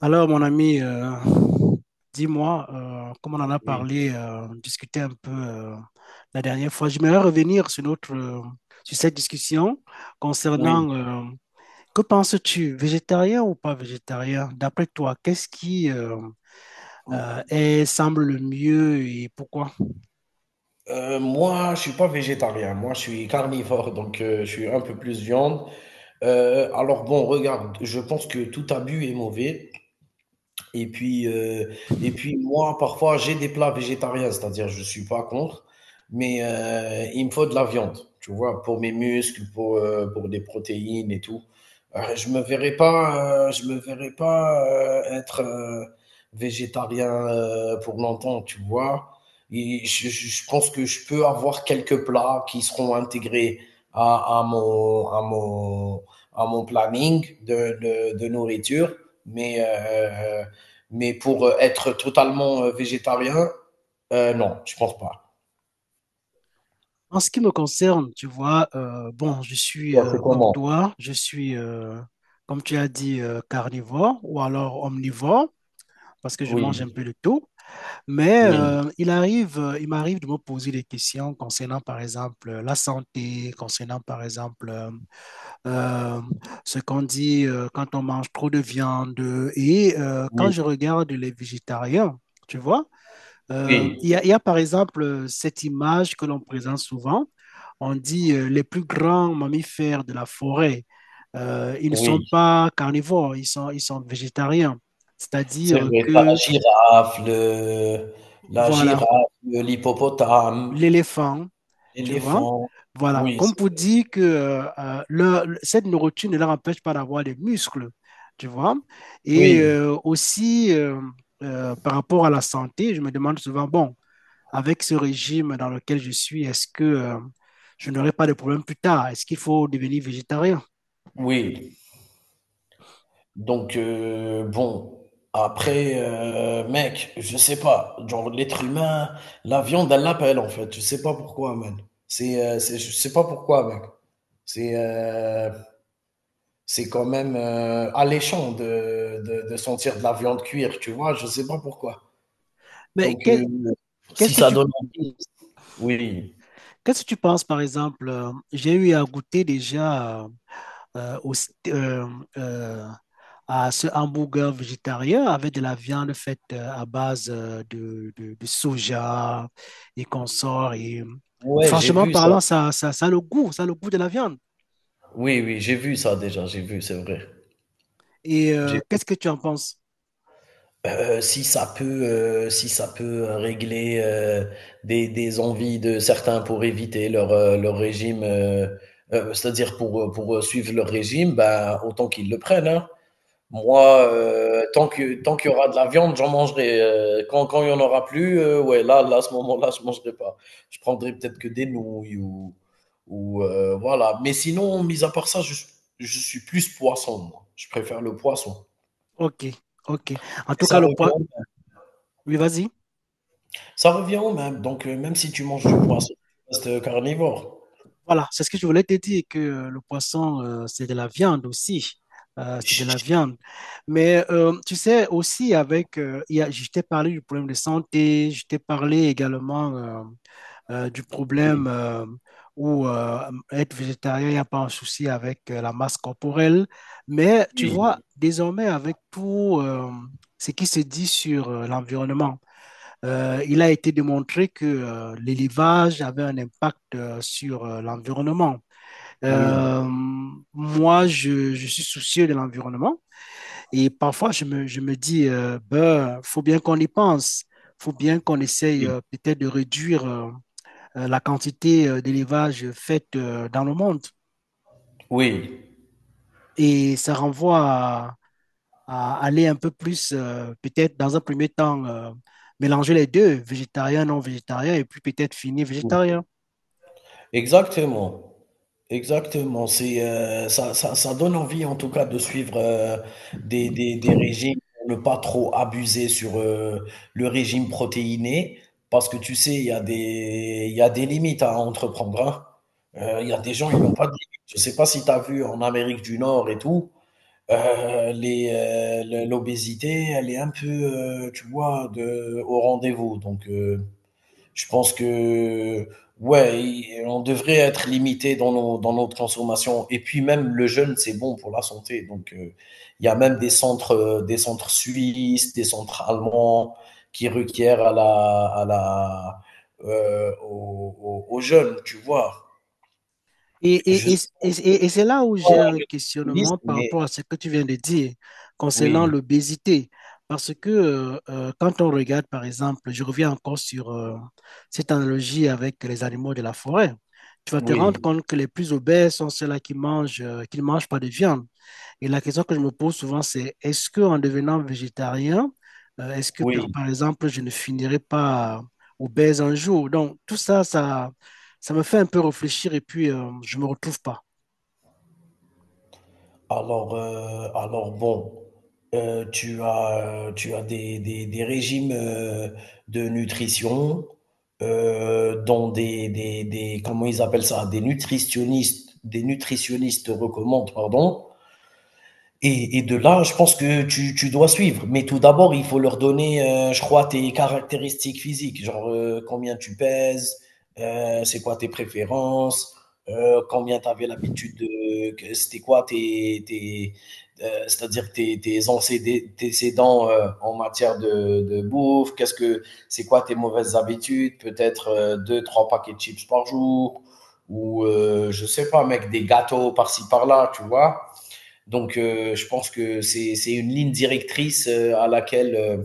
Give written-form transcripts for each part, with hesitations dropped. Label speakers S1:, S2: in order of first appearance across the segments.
S1: Alors, mon ami, dis-moi, comme on en a
S2: Oui,
S1: parlé, discuté un peu la dernière fois, j'aimerais revenir sur notre, sur cette discussion
S2: oui.
S1: concernant, que penses-tu, végétarien ou pas végétarien? D'après toi, qu'est-ce qui
S2: M
S1: est, semble le mieux et pourquoi?
S2: moi, je suis pas végétarien. Moi, je suis carnivore, donc je suis un peu plus viande. Alors bon, regarde, je pense que tout abus est mauvais. Et puis, heu et puis moi, parfois, j'ai des plats végétariens, c'est-à-dire je suis pas contre, mais il me faut de la viande, tu vois? Pour mes muscles, pour des protéines et tout. Je me verrais pas, être, végétarien, pour longtemps, tu vois? Et je pense que je peux avoir quelques plats qui seront intégrés à à mon à mon à mon planning de nourriture, mais heu mais pour être totalement végétarien, non, je pense pas.
S1: En ce qui me concerne, tu vois, bon, je
S2: Et
S1: suis
S2: toi, c'est
S1: comme
S2: comment?
S1: toi, je suis, comme tu as dit, carnivore ou alors omnivore, parce que je mange un peu
S2: Oui,
S1: de tout. Mais
S2: oui,
S1: il arrive, il m'arrive de me poser des questions concernant, par exemple, la santé, concernant, par exemple, euh, ce qu'on dit quand on mange trop de viande. Et quand
S2: oui,
S1: je regarde les végétariens, tu vois, il y
S2: oui,
S1: a, par exemple, cette image que l'on présente souvent. On dit les plus grands mammifères de la forêt, ils ne sont
S2: oui.
S1: pas carnivores, ils sont végétariens.
S2: C'est
S1: C'est-à-dire
S2: vrai, t'as la
S1: que,
S2: girafe, la girafe,
S1: voilà,
S2: l'hippopotame,
S1: l'éléphant. Tu vois.
S2: l'éléphant.
S1: Voilà,
S2: Oui,
S1: comme
S2: c'est
S1: pour
S2: vrai.
S1: dire que cette nourriture ne leur empêche pas d'avoir des muscles, tu vois. Et
S2: Oui,
S1: aussi, par rapport à la santé, je me demande souvent, bon, avec ce régime dans lequel je suis, est-ce que je n'aurai pas de problème plus tard? Est-ce qu'il faut devenir végétarien?
S2: oui. Donc, bon, après, mec, je sais pas. Genre, l'être humain, la viande, elle l'appelle, en fait. Je sais pas pourquoi, man. C'est, je sais pas pourquoi, mec. C'est, euh, C'est quand même alléchant de sentir de la viande cuire, tu vois? Je sais pas pourquoi.
S1: Mais
S2: Donc,
S1: que- qu'est-ce
S2: si
S1: que
S2: ça
S1: tu,
S2: donne envie. Oui.
S1: qu'est-ce que tu penses, par exemple? J'ai eu à goûter déjà. Euh, au- st- euh, euh, à ce hamburger végétarien avec de la viande faite à base de soja et consorts. Et
S2: Ouais, j'ai
S1: franchement
S2: vu ça.
S1: parlant, ça a le goût, ça a le goût de la viande.
S2: Oui, oui, j'ai vu ça déjà, j'ai vu, c'est vrai.
S1: Et
S2: J'ai
S1: qu'est-ce que tu en penses?
S2: heu, si ça peut, si ça peut régler, des envies de certains pour éviter leur régime, c'est-à-dire pour suivre leur régime, bah, autant qu'ils le prennent, hein. Moi, tant qu'il y aura de la viande, j'en mangerai, quand il y en aura plus, ouais, à ce moment-là, je ne mangerai pas. Je prendrai peut-être que des nouilles ou, voilà. Mais sinon, mis à part ça, je suis plus poisson, moi. Je préfère le poisson.
S1: Ok, ok. En
S2: Mais
S1: tout
S2: ça
S1: cas, le poids.
S2: revient
S1: Oui, vas-y.
S2: ça revient au même. Donc même si tu manges du poisson, tu restes, carnivore.
S1: Voilà, c'est ce que je voulais te dire, que le poisson, c'est de la viande aussi. C'est
S2: Ch
S1: de la
S2: ch
S1: viande. Mais tu sais, aussi, je t'ai parlé du problème de santé, je t'ai parlé également du
S2: Oui,
S1: problème où être végétarien, il n'y a pas un souci avec la masse corporelle. Mais tu vois,
S2: oui,
S1: désormais, avec tout ce qui se dit sur l'environnement, il a été démontré que l'élevage avait un impact sur l'environnement. Euh,
S2: oui,
S1: moi, je suis soucieux de l'environnement et parfois je me dis, ben, faut bien qu'on y pense, faut bien qu'on essaye peut-être de réduire la quantité d'élevage faite dans le monde.
S2: oui,
S1: Et ça renvoie à aller un peu plus, peut-être dans un premier temps, mélanger les deux, végétarien, non végétarien, et puis peut-être finir
S2: oui.
S1: végétarien.
S2: Exactement. Exactement. C'est, ça ça ça donne envie en tout cas de suivre, des régimes pour ne pas trop abuser sur, le régime protéiné. Parce que tu sais, il y a des limites à entreprendre, hein. Il y a des gens, ils n'ont pas de limites. Je ne sais pas si tu as vu en Amérique du Nord et tout, heu, les, le l'obésité, elle est un peu, tu vois, de au rendez-vous, donc je pense que ouais, on devrait être limité dans notre consommation. Et puis même le jeûne, c'est bon pour la santé. Donc il y a même des centres suisses, des centres allemands qui requièrent à la, au, au, au jeûne, tu vois.
S1: Et,
S2: Je
S1: et, et,
S2: sais
S1: et- et et c'est là où
S2: pas
S1: j'ai un questionnement
S2: nutritionniste,
S1: par
S2: mais
S1: rapport à ce que tu viens de dire concernant
S2: oui,
S1: l'obésité. Parce que quand on regarde, par exemple, je reviens encore sur cette analogie avec les animaux de la forêt, tu vas te rendre
S2: oui,
S1: compte que les plus obèses sont ceux-là qui ne mangent pas de viande. Et la question que je me pose souvent, c'est est-ce que en devenant végétarien, est-ce que
S2: oui.
S1: par exemple, je ne finirai pas obèse un jour? Donc, tout ça, ça me fait un peu réfléchir et puis je ne me retrouve pas.
S2: Alors, bon, tu as des régimes de nutrition, dont comment ils appellent ça, des nutritionnistes recommandent, pardon, de là, je pense que tu dois suivre. Mais tout d'abord, il faut leur donner, je crois, tes caractéristiques physiques. Genre, combien tu pèses, c'est quoi tes préférences, combien tu avais l'habitude c'est-à-dire tes antécédents en matière de bouffe, qu'est-ce que c'est quoi tes mauvaises habitudes, peut-être deux, trois paquets de chips par jour, ou je sais pas, mec, des gâteaux par-ci par-là, tu vois. Donc, je pense que c'est une ligne directrice à laquelle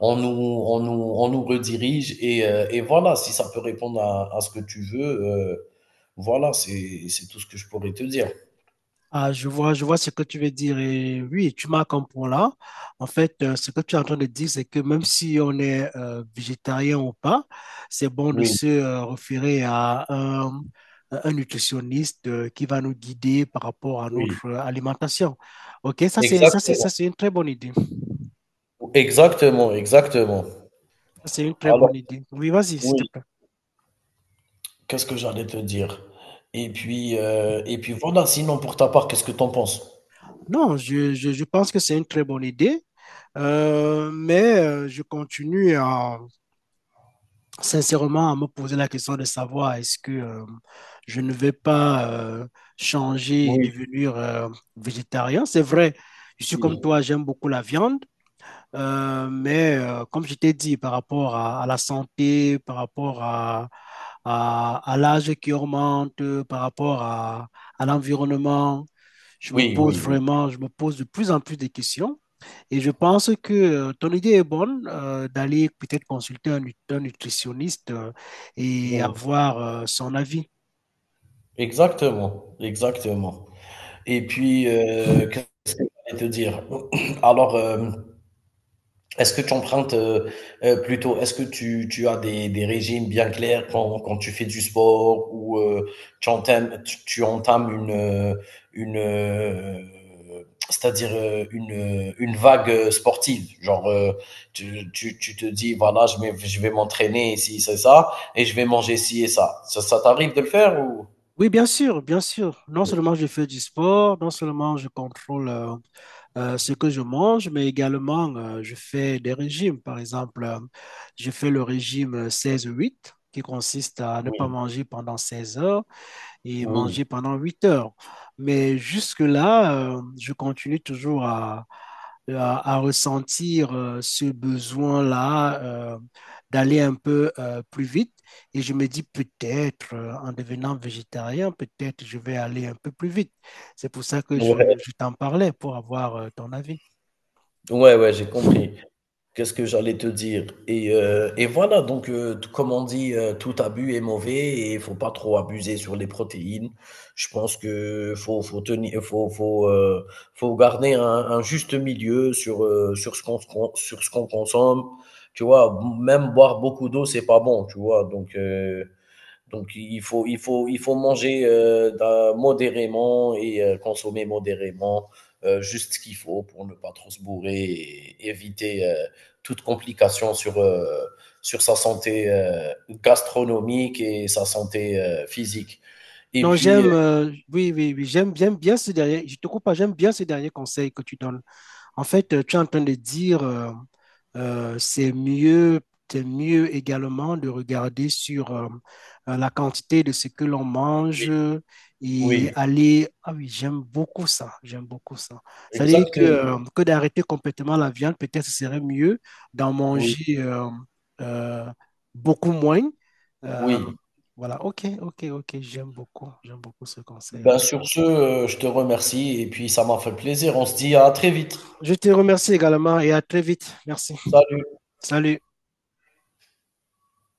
S2: on nous redirige. Et voilà, si ça peut répondre à ce que tu veux, voilà, c'est tout ce que je pourrais te dire.
S1: Ah, je vois ce que tu veux dire. Et oui, tu marques un point là. En fait, ce que tu es en train de dire, c'est que même si on est végétarien ou pas, c'est bon de
S2: Oui,
S1: se référer à un nutritionniste qui va nous guider par rapport à
S2: oui,
S1: notre alimentation. OK, ça
S2: exactement,
S1: c'est une très bonne idée. Ça,
S2: exactement, exactement.
S1: c'est une très bonne
S2: Alors,
S1: idée. Oui, vas-y, s'il te
S2: oui,
S1: plaît.
S2: qu'est-ce que j'allais te dire? Et puis voilà, sinon pour ta part, qu'est-ce que t'en penses?
S1: Non, je pense que c'est une très bonne idée. Mais je continue à sincèrement à me poser la question de savoir est-ce que je ne vais pas changer et
S2: Oui,
S1: devenir végétarien. C'est vrai, je suis comme toi,
S2: oui,
S1: j'aime beaucoup la viande. Mais comme je t'ai dit, par rapport à la santé, par rapport à, à l'âge qui augmente, par rapport à l'environnement,
S2: oui, oui, oui.
S1: je me pose de plus en plus de questions. Et je pense que ton idée est bonne d'aller peut-être consulter un nutritionniste et
S2: Oui.
S1: avoir son avis.
S2: Exactement, exactement. Et puis, euh, Et te dire. Alors, est-ce que tu empruntes plutôt, est-ce que tu as des régimes bien clairs quand tu fais du sport ou tu entames une c'est-à-dire une vague sportive. Genre, tu te dis, voilà, je vais m'entraîner ici, c'est ça, et je vais manger ci et ça. Ça t'arrive de le faire ou?
S1: Oui, bien sûr, bien sûr. Non seulement je fais du sport, non seulement je contrôle ce que je mange, mais également je fais des régimes. Par exemple, je fais le régime 16-8 qui consiste à ne pas
S2: Oui,
S1: manger pendant 16 heures et
S2: oui.
S1: manger pendant 8 heures. Mais jusque-là, je continue toujours à, à ressentir ce besoin-là d'aller un peu plus vite. Et je me dis peut-être, en devenant végétarien, peut-être je vais aller un peu plus vite. C'est pour ça que
S2: Ouais,
S1: je t'en parlais, pour avoir ton avis.
S2: ouais, ouais, j'ai compris. Qu'est-ce que j'allais te dire? Et voilà, donc comme on dit, tout abus est mauvais et il faut pas trop abuser sur les protéines. Je pense que faut tenir, faut garder un juste milieu sur ce qu'on consomme. Tu vois, même boire beaucoup d'eau, c'est pas bon. Tu vois, donc il faut manger modérément et consommer modérément juste ce qu'il faut pour ne pas trop se bourrer et éviter toute complication sur sa santé gastronomique et sa santé physique. Et
S1: Non,
S2: puis, euh,
S1: oui, oui, oui, j'aime bien ce dernier, je te coupe pas, j'aime bien ce dernier conseil que tu donnes. En fait, tu es en train de dire, euh, c'est mieux, c'est mieux également de regarder sur la quantité de ce que l'on mange
S2: oui,
S1: et
S2: oui,
S1: aller. Ah oui, j'aime beaucoup ça, j'aime beaucoup ça. C'est-à-dire
S2: exactement.
S1: que d'arrêter complètement la viande, peut-être ce serait mieux d'en
S2: Oui,
S1: manger euh, beaucoup moins. Euh,
S2: oui.
S1: voilà, ok, ok, ok, j'aime beaucoup ce
S2: Ben,
S1: conseil-là.
S2: sur ce, je te remercie et puis ça m'a fait plaisir. On se dit à très vite.
S1: Je te remercie également et à très vite. Merci.
S2: Salut.
S1: Salut.